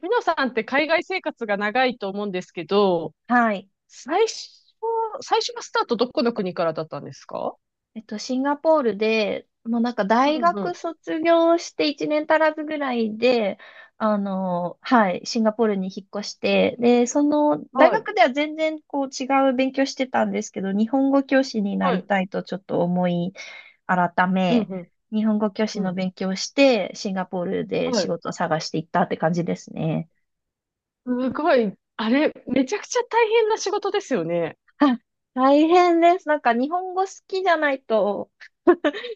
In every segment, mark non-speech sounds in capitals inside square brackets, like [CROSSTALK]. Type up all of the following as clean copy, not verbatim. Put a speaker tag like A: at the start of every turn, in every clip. A: みのさんって海外生活が長いと思うんですけど、
B: はい。
A: 最初、最初のスタートどこの国からだったんですか？
B: シンガポールで、もうなんか大
A: うんう
B: 学
A: ん。
B: 卒業して1年足らずぐらいで、はい、シンガポールに引っ越して、で、その、大
A: はい。
B: 学では全然こう違う勉強してたんですけど、日本語教師にな
A: は
B: り
A: い。
B: たいとちょっと思い改
A: うん
B: め、
A: うん。
B: 日本語教師
A: う
B: の
A: ん。
B: 勉強をして、シンガポールで
A: は
B: 仕
A: い。
B: 事を探していったって感じですね。
A: すごい。あれ、めちゃくちゃ大変な仕事ですよね。
B: あ、大変です。なんか日本語好きじゃないと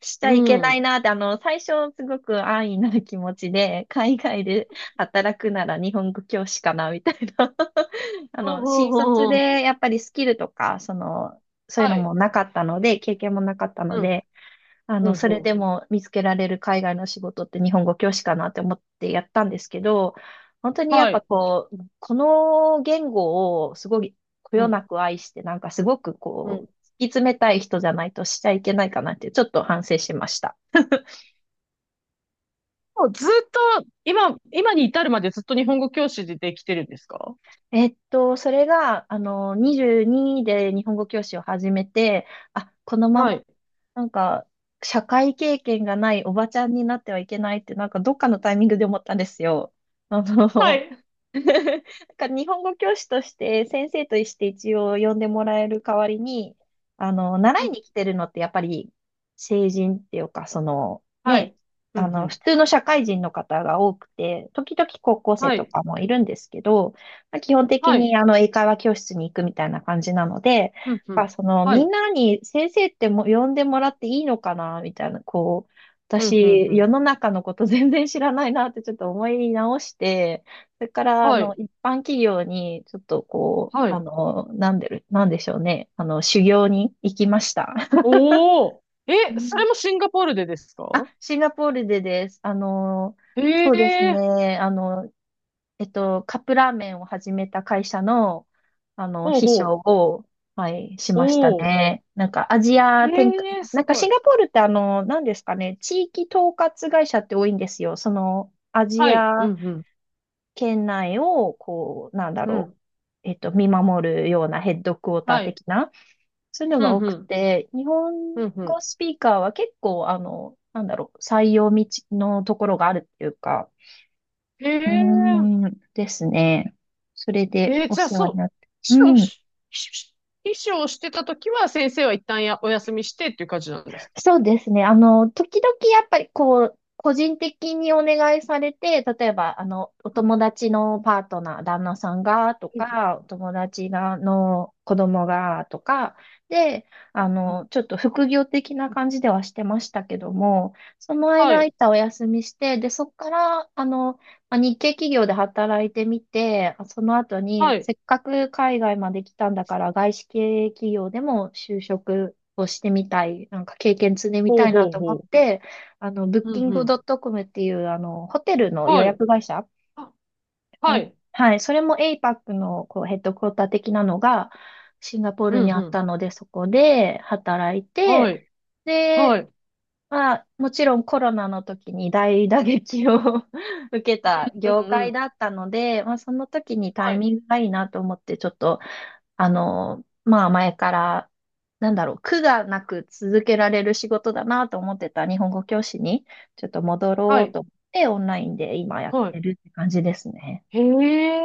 B: しち
A: う
B: ゃいけない
A: ん。
B: なって、最初すごく安易な気持ちで、海外で働くなら日本語教師かな、みたいな。[LAUGHS]
A: ほうほう
B: 新
A: ほう
B: 卒
A: ほうほ
B: で
A: う。
B: やっぱりスキルとか、そういう
A: は
B: の
A: い。
B: もなかったので、経験もなかったの
A: うん。
B: で、
A: うん
B: それ
A: う
B: で
A: ん。
B: も見つけられる海外の仕事って日本語教師かなって思ってやったんですけど、本当にやっ
A: は
B: ぱ
A: い。
B: こう、この言語をすごいこ
A: う
B: よな
A: ん。
B: く愛して、なんかすごく
A: う
B: こう、
A: ん。
B: 突き詰めたい人じゃないとしちゃいけないかなってちょっと反省しました。
A: もうずっと、今に至るまでずっと日本語教師で来てるんですか？
B: それが、22で日本語教師を始めて、あ、このま
A: は
B: ま、
A: い。
B: なんか、社会経験がないおばちゃんになってはいけないって、なんかどっかのタイミングで思ったんですよ。あ
A: は
B: の、
A: い。
B: なんか日本語教師として先生として一応呼んでもらえる代わりに、習
A: う
B: い
A: ん。
B: に来てるのってやっぱり成人っていうか、
A: はい。うんう
B: 普
A: ん。
B: 通の社会人の方が多くて、時々高校生
A: は
B: と
A: い。
B: かもいるんですけど、まあ基本的
A: はい。
B: に英会話教室に行くみたいな感じなので、
A: うんう
B: まあ、
A: ん。は
B: みん
A: い。
B: なに先生っても呼んでもらっていいのかな、みたいな、こう、
A: うんうんう
B: 私、世
A: ん。
B: の中のこと全然知らないなってちょっと思い直して、それから、
A: はい。
B: 一般企業に、ちょっとこう、
A: はい。
B: なんでしょうね。修行に行きました。[LAUGHS]
A: おお。え、
B: う
A: そ
B: ん。
A: れもシンガポールでです
B: あ、
A: か？
B: シンガポールでです。
A: へ
B: そうです
A: え。
B: ね。カップラーメンを始めた会社の、
A: ほう
B: 秘書
A: ほ
B: を、はい、し
A: う。
B: ました
A: おお。
B: ね。なんか、アジア展開、
A: へえ、
B: な
A: す
B: んか
A: ご
B: シ
A: い。
B: ンガポールってなんですかね、地域統括会社って多いんですよ。アジ
A: はい。
B: ア
A: うんうん。
B: 県内を、こう、
A: うん。
B: 見守るようなヘッドクォーター
A: はい。
B: 的な、そういうの
A: ふ
B: が
A: ん
B: 多
A: ふ
B: く
A: ん。
B: て、日本
A: ふんふ
B: 語
A: ん。
B: スピーカーは結構、採用道のところがあるっていうか、
A: へ
B: う
A: え。
B: ーん、ですね。それでお
A: じゃあ
B: 世話
A: そ
B: に
A: う。
B: なって。
A: 秘
B: う
A: 書
B: ん。
A: し、秘書をしてたときは先生は一旦やお休みしてっていう感じなんですか？
B: そうですね。時々やっぱりこう、個人的にお願いされて、例えば、お
A: うん
B: 友達のパートナー、旦那さんが、と
A: うん
B: か、お友達が、の子供が、とか、で、
A: うんうん
B: ちょっと副業的な感じではしてましたけども、その
A: は
B: 間、空っ
A: い。
B: たお休みして、で、そこから、まあ日系企業で働いてみて、その後
A: は
B: に、
A: い。
B: せっかく海外まで来たんだから、外資系企業でも就職をしてみたい、なんか経験積んでみ
A: ほ
B: た
A: う
B: いな
A: ほう
B: と思
A: ほ
B: っ
A: う。
B: て、ブッ
A: う
B: キン
A: んう
B: グ
A: ん。
B: ドットコムっていう、ホテルの予
A: はい。
B: 約会社、
A: あ、は
B: あ、
A: い。
B: はい、それも APAC のこうヘッドクォーター的なのがシンガポー
A: う
B: ルに
A: ん
B: あ
A: う
B: った
A: ん。
B: ので、そこで働い
A: は
B: て、
A: い、
B: で、
A: はい、
B: まあ、もちろんコロナの時に大打撃を [LAUGHS] 受けた
A: う
B: 業
A: んう
B: 界
A: ん、
B: だったので、まあ、その時にタ
A: は
B: イ
A: い、
B: ミングがいいなと思って、ちょっとまあ前から、なんだろう、苦がなく続けられる仕事だなと思ってた日本語教師に、ちょっと戻
A: は
B: ろう
A: い、
B: と思って、オンラインで今やっ
A: は
B: て
A: い。
B: るって感じですね。
A: へえ、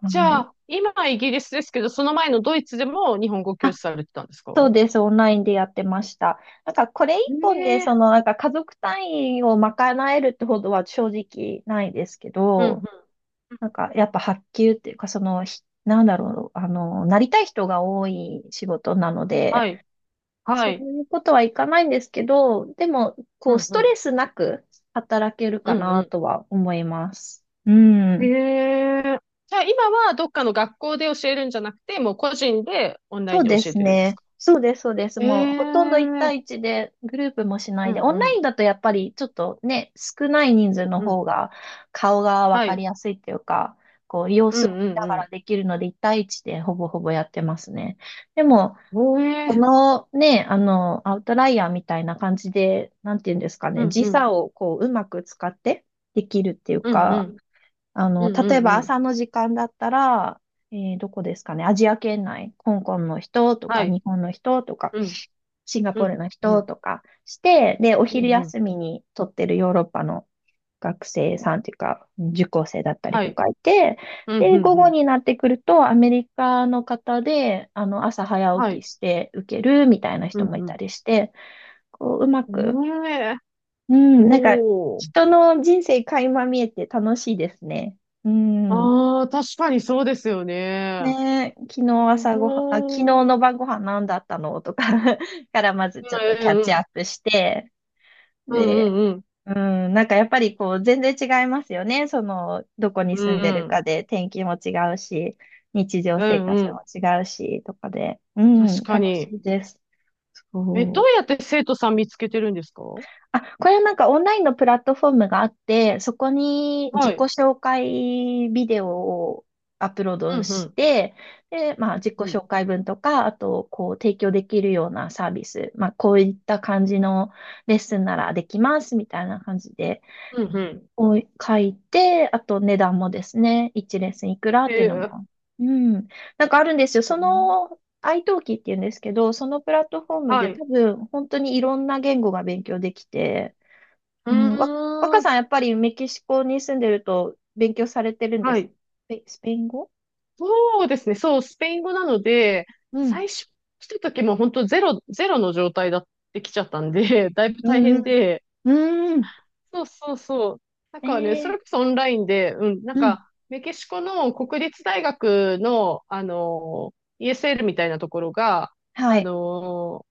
B: は
A: じゃ
B: い。
A: あ、今はイギリスですけど、その前のドイツでも日本語教
B: あ、
A: 師されてたんですか？
B: そうです。オンラインでやってました。なんかこれ
A: へ
B: 一本で、
A: え、
B: なんか家族単位を賄えるってほどは正直ないですけ
A: うんうん、
B: ど、なんかやっぱ発給っていうか、なんだろう、なりたい人が多い仕事なの
A: は
B: で、
A: い、は
B: そう
A: い、
B: いうことはいかないんですけど、でも、
A: う
B: こう、
A: ん
B: ス
A: う
B: トレ
A: ん、
B: スなく働ける
A: う
B: か
A: んう
B: な
A: ん。
B: とは思います。う
A: へ
B: ん。
A: え、じゃあ今はどっかの学校で教えるんじゃなくて、もう個人でオンラ
B: そ
A: イン
B: う
A: で
B: で
A: 教え
B: す
A: てるんです
B: ね。
A: か？
B: そうです、そうです。
A: へ
B: もう、ほとんど一
A: え、
B: 対一で、グループもしな
A: う
B: いで、
A: ん
B: オン
A: う
B: ライ
A: ん、
B: ンだとやっぱり、ちょっとね、少ない人数の
A: う
B: 方
A: ん、
B: が、顔がわ
A: は
B: かり
A: い、
B: やすいっていうか、こう、様
A: う
B: 子を
A: ん
B: 見なが
A: う
B: ら
A: ん
B: できるので、一対一でほぼほぼやってますね。でも、
A: うん。へ
B: こ
A: え、
B: のね、アウトライヤーみたいな感じで、なんていうんですか
A: う
B: ね、
A: ん
B: 時
A: うん、
B: 差をこう、うまく使ってできるっていう
A: うんう
B: か、
A: ん、うんう
B: 例え
A: ん
B: ば
A: うん。
B: 朝の時間だったら、どこですかね、アジア圏内、香港の人と
A: は
B: か、
A: い、
B: 日本の人とか、
A: うん、
B: シンガ
A: う
B: ポー
A: ん。
B: ルの
A: う
B: 人
A: ん
B: とかして、で、お
A: う
B: 昼
A: んうん。
B: 休みに撮ってるヨーロッパの学生さんというか、受講生だったり
A: は
B: と
A: い。
B: かいて、
A: うんう
B: で、
A: ん
B: 午
A: う
B: 後
A: ん。
B: になってくると、アメリカの方で、朝早
A: は
B: 起き
A: い。
B: して受けるみたいな
A: う
B: 人もいた
A: ん
B: りして、こう、うま
A: う
B: く、
A: ん。ねえ。
B: うん、なんか、
A: おー。
B: 人の人生垣間見えて楽しいですね。うん。
A: ああ、確かにそうですよね。
B: ねえ、昨日
A: お
B: 朝ごはん、あ、昨日
A: ー。
B: の晩ご飯何だったのとか [LAUGHS] からまず
A: う
B: ちょっと
A: ん
B: キャッ
A: うん
B: チ
A: う
B: ア
A: ん。
B: ップして、
A: う
B: で、
A: んうん。
B: うん、なんかやっぱりこう全然違いますよね。どこに
A: う
B: 住
A: ん
B: んで
A: う
B: るか
A: ん。
B: で天気も違うし、日常
A: う
B: 生
A: ん
B: 活
A: う
B: も
A: ん。
B: 違うし、とかで。う
A: 確
B: ん、
A: か
B: 楽し
A: に。
B: いです。
A: え、ど
B: そ
A: うやっ
B: う。
A: て生徒さん見つけてるんですかは
B: あ、これはなんかオンラインのプラットフォームがあって、そこに自己
A: い。
B: 紹介ビデオをアップロー
A: うん
B: ド
A: う
B: し
A: ん。
B: て、で、まあ自己
A: うん。
B: 紹介文とか、あとこう提供できるようなサービス、まあこういった感じのレッスンならできますみたいな感じで。
A: うんうん。
B: を書いて、あと値段もですね、1レッスンいくらっ
A: え
B: ていうの
A: ー
B: も。うん。なんかあるんですよ。
A: うん
B: iTalki っていうんですけど、そのプラットフォーム
A: は
B: で
A: い。う
B: 多分本当にいろんな言語が勉強できて、うん、
A: ー
B: 若
A: ん。
B: さんやっぱりメキシコに住んでると勉強されてるんで
A: は
B: す。
A: い。
B: スペイン語、
A: そうですね。そう、スペイン語なので、
B: うん。
A: 最初来た時も本当ゼロの状態だって来ちゃったんで、[LAUGHS] だいぶ
B: う
A: 大
B: んう
A: 変
B: ん。
A: で、
B: うん。
A: そうそうそう。なん
B: え
A: かね、そ
B: ー、
A: れこそオンラインで、うん、なん
B: うん。
A: か、メキシコの国立大学の、あの、ESL みたいなところが、
B: は
A: あ
B: い。
A: の、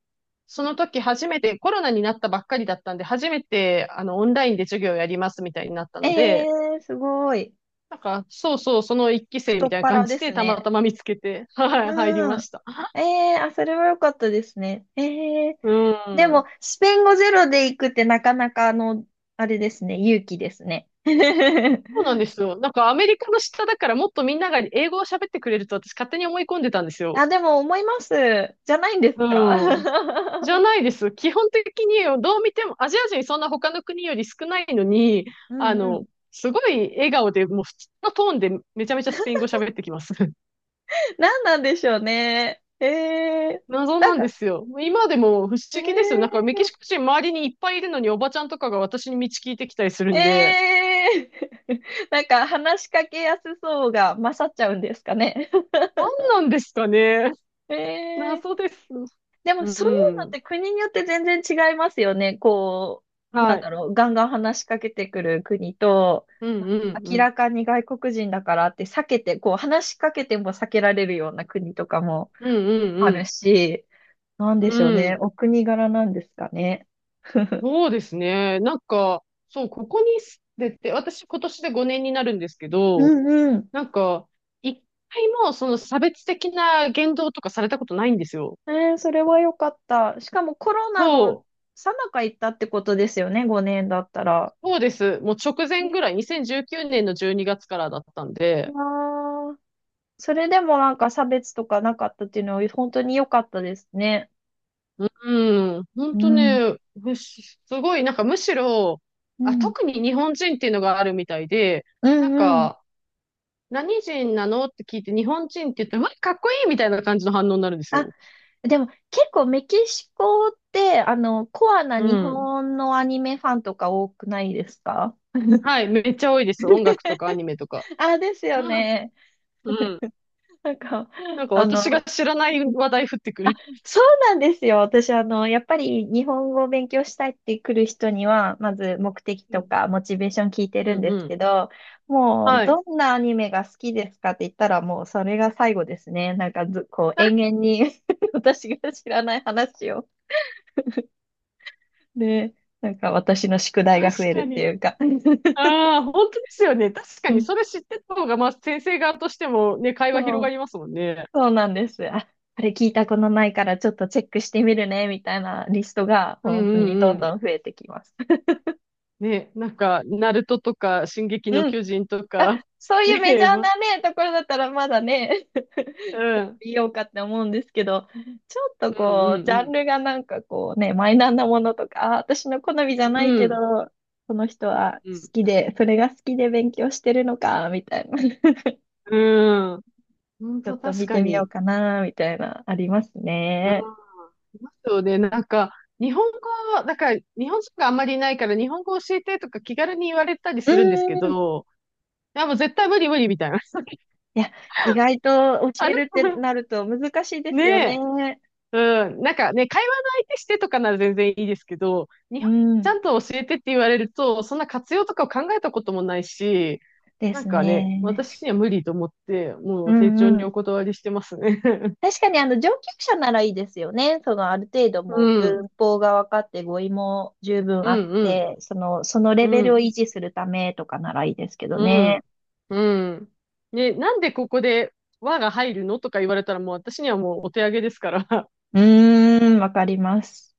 A: その時初めて、コロナになったばっかりだったんで、初めて、あの、オンラインで授業をやりますみたいになった
B: え
A: ので、
B: ー、すごい。
A: なんか、そうそう、その一期生
B: 太
A: み
B: っ
A: たいな
B: 腹
A: 感じ
B: です
A: で、たま
B: ね。
A: たま見つけて、はい、入り
B: う
A: ま
B: ん。
A: した。
B: ええ、あ、それは良かったですね。ええ、
A: う
B: でも、
A: ん。
B: スペイン語ゼロで行くってなかなか、あれですね、勇気ですね。
A: そうなんで
B: [LAUGHS]
A: すよ。なんかアメリカの下だからもっとみんなが英語を喋ってくれると私勝手に思い込んでたんですよ。
B: あ、でも思います。じゃないんです
A: う
B: か？
A: ん。じゃ
B: [LAUGHS]
A: ないです。基本的にどう見てもアジア人そんな他の国より少ないのに、
B: う
A: あ
B: んうん。
A: の、すごい笑顔でもう普通のトーンでめちゃめちゃスペイン語喋ってきます。[LAUGHS]
B: 何なんでしょうね。ええ、
A: 謎
B: な
A: な
B: ん
A: んで
B: か、
A: すよ。今でも不思議ですよ。なんか
B: え
A: メキシコ人周りにいっぱいいるのにおばちゃんとかが私に道聞いてきたりする
B: え
A: んで、
B: ええ [LAUGHS] なんか話しかけやすそうが勝っちゃうんですかね。[LAUGHS]
A: 何なんですかね。
B: え
A: 謎
B: え、
A: です。
B: でも
A: う
B: そういうのっ
A: ん。
B: て国によって全然違いますよね。こう、な
A: は
B: んだ
A: い。
B: ろう、ガンガン話しかけてくる国と、
A: うん
B: あ
A: うんう
B: 明
A: ん。
B: らかに外国人だからって避けて、こう話しかけても避けられるような国とかも
A: うん
B: あ
A: う
B: る
A: ん
B: し、なんで
A: う
B: しょう
A: ん。う
B: ね。
A: ん。
B: お国柄なんですかね。[LAUGHS]
A: そうですね。なんか、そう、ここに住んでて、私今年で5年になるんですけ
B: う
A: ど、
B: んうん。
A: なんか、一回もその差別的な言動とかされたことないんですよ。
B: えー、それは良かった。しかもコロナの
A: そ
B: 最中行ったってことですよね、5年だったら。
A: う、そうです。もう直前ぐらい、2019年の12月からだったん
B: わ
A: で、
B: ー、それでもなんか差別とかなかったっていうのは本当に良かったですね。
A: うん、
B: う
A: 本当
B: ん。
A: ね、むしすごい、なんかむしろ、
B: う
A: あ、
B: ん。
A: 特に日本人っていうのがあるみたいで、
B: う
A: なん
B: んうん。
A: か、何人なのって聞いて、日本人って言ったら、うわ、かっこいいみたいな感じの反応になるんです
B: あ、
A: よ。
B: でも結構メキシコって、コアな
A: う
B: 日
A: ん。
B: 本のアニメファンとか多くないですか？
A: はい、めっちゃ多いです。音楽とかアニメとか。
B: あ、です
A: う
B: よ
A: ん
B: ね。
A: うん。
B: なんか、
A: なんか
B: あ
A: 私が
B: の、
A: 知らない話題降ってくる。
B: そうなんですよ。私、やっぱり日本語を勉強したいって来る人には、まず目的
A: う
B: と
A: ん。
B: かモチベーション聞いて
A: う
B: るん
A: ん
B: で
A: う
B: す
A: ん。
B: けど、もう、
A: は
B: ど
A: い。
B: んなアニメが好きですかって言ったら、もうそれが最後ですね。なんかず、こう、延々に [LAUGHS] 私が知らない話を。で、なんか私の宿題が増
A: 確
B: える
A: か
B: ってい
A: に。
B: うか [LAUGHS]
A: ああ、本当ですよね。確か
B: う
A: に、
B: ん、
A: それ知ってた方が、まあ、先生側としてもね、会話広
B: そう、
A: がりますもんね。
B: そうなんです。あ、あれ聞いたことないからちょっとチェックしてみるね、みたいなリストが
A: うんう
B: 本当に
A: ん
B: どん
A: うん。
B: どん増えてきます。
A: ね、なんか、ナルトとか、進撃の
B: うん。
A: 巨人と
B: あ、
A: か、
B: そう
A: [LAUGHS]
B: いう
A: ね
B: メジャ
A: え、
B: ーなね、ところだったらまだね、
A: う
B: [LAUGHS]
A: ん、
B: 見ようかって思うんですけど、ちょっと
A: うん
B: こう、ジ
A: う
B: ャン
A: ん
B: ルがなんかこうね、マイナーなものとか、あ、私の好みじゃ
A: う
B: ない
A: ん。
B: け
A: う
B: ど、
A: ん、
B: この人は好
A: うん。
B: きで、それが好きで勉強してるのか、みたいな。[LAUGHS]
A: うん。本
B: ちょっ
A: 当
B: と
A: 確
B: 見
A: か
B: てみよう
A: に。
B: かな、みたいな、あります
A: うん。
B: ね。
A: そうで、なんか、日本語は、だから、日本人があんまりいないから、日本語教えてとか気軽に言われたり
B: う
A: するんですけ
B: ーん。
A: ど、いや、もう絶対無理無理みたいな。
B: いや、意外と
A: [LAUGHS]
B: 教
A: あ
B: え
A: れ
B: るってなると難しいですよ
A: ね
B: ね。
A: え。うん。なんかね、会話の相手してとかなら全然いいですけど、
B: う
A: ちゃ
B: ん。
A: んと教えてって言われると、そんな活用とかを考えたこともないし、
B: で
A: なん
B: す
A: かね、
B: ね。
A: 私には無理と思って、も
B: う
A: う丁重に
B: ん、
A: お断りしてますね。[LAUGHS]
B: 確かにあの上級者ならいいですよね。そのある程度
A: う
B: もう
A: ん。
B: 文法が分かって語彙も十分
A: う
B: あっ
A: んうん。
B: て、そのレベ
A: う
B: ルを維
A: ん。
B: 持するためとかならいいですけど
A: う
B: ね。
A: ん。うん。ね、なんでここで和が入るのとか言われたらもう私にはもうお手上げですから。
B: うーん、わかります。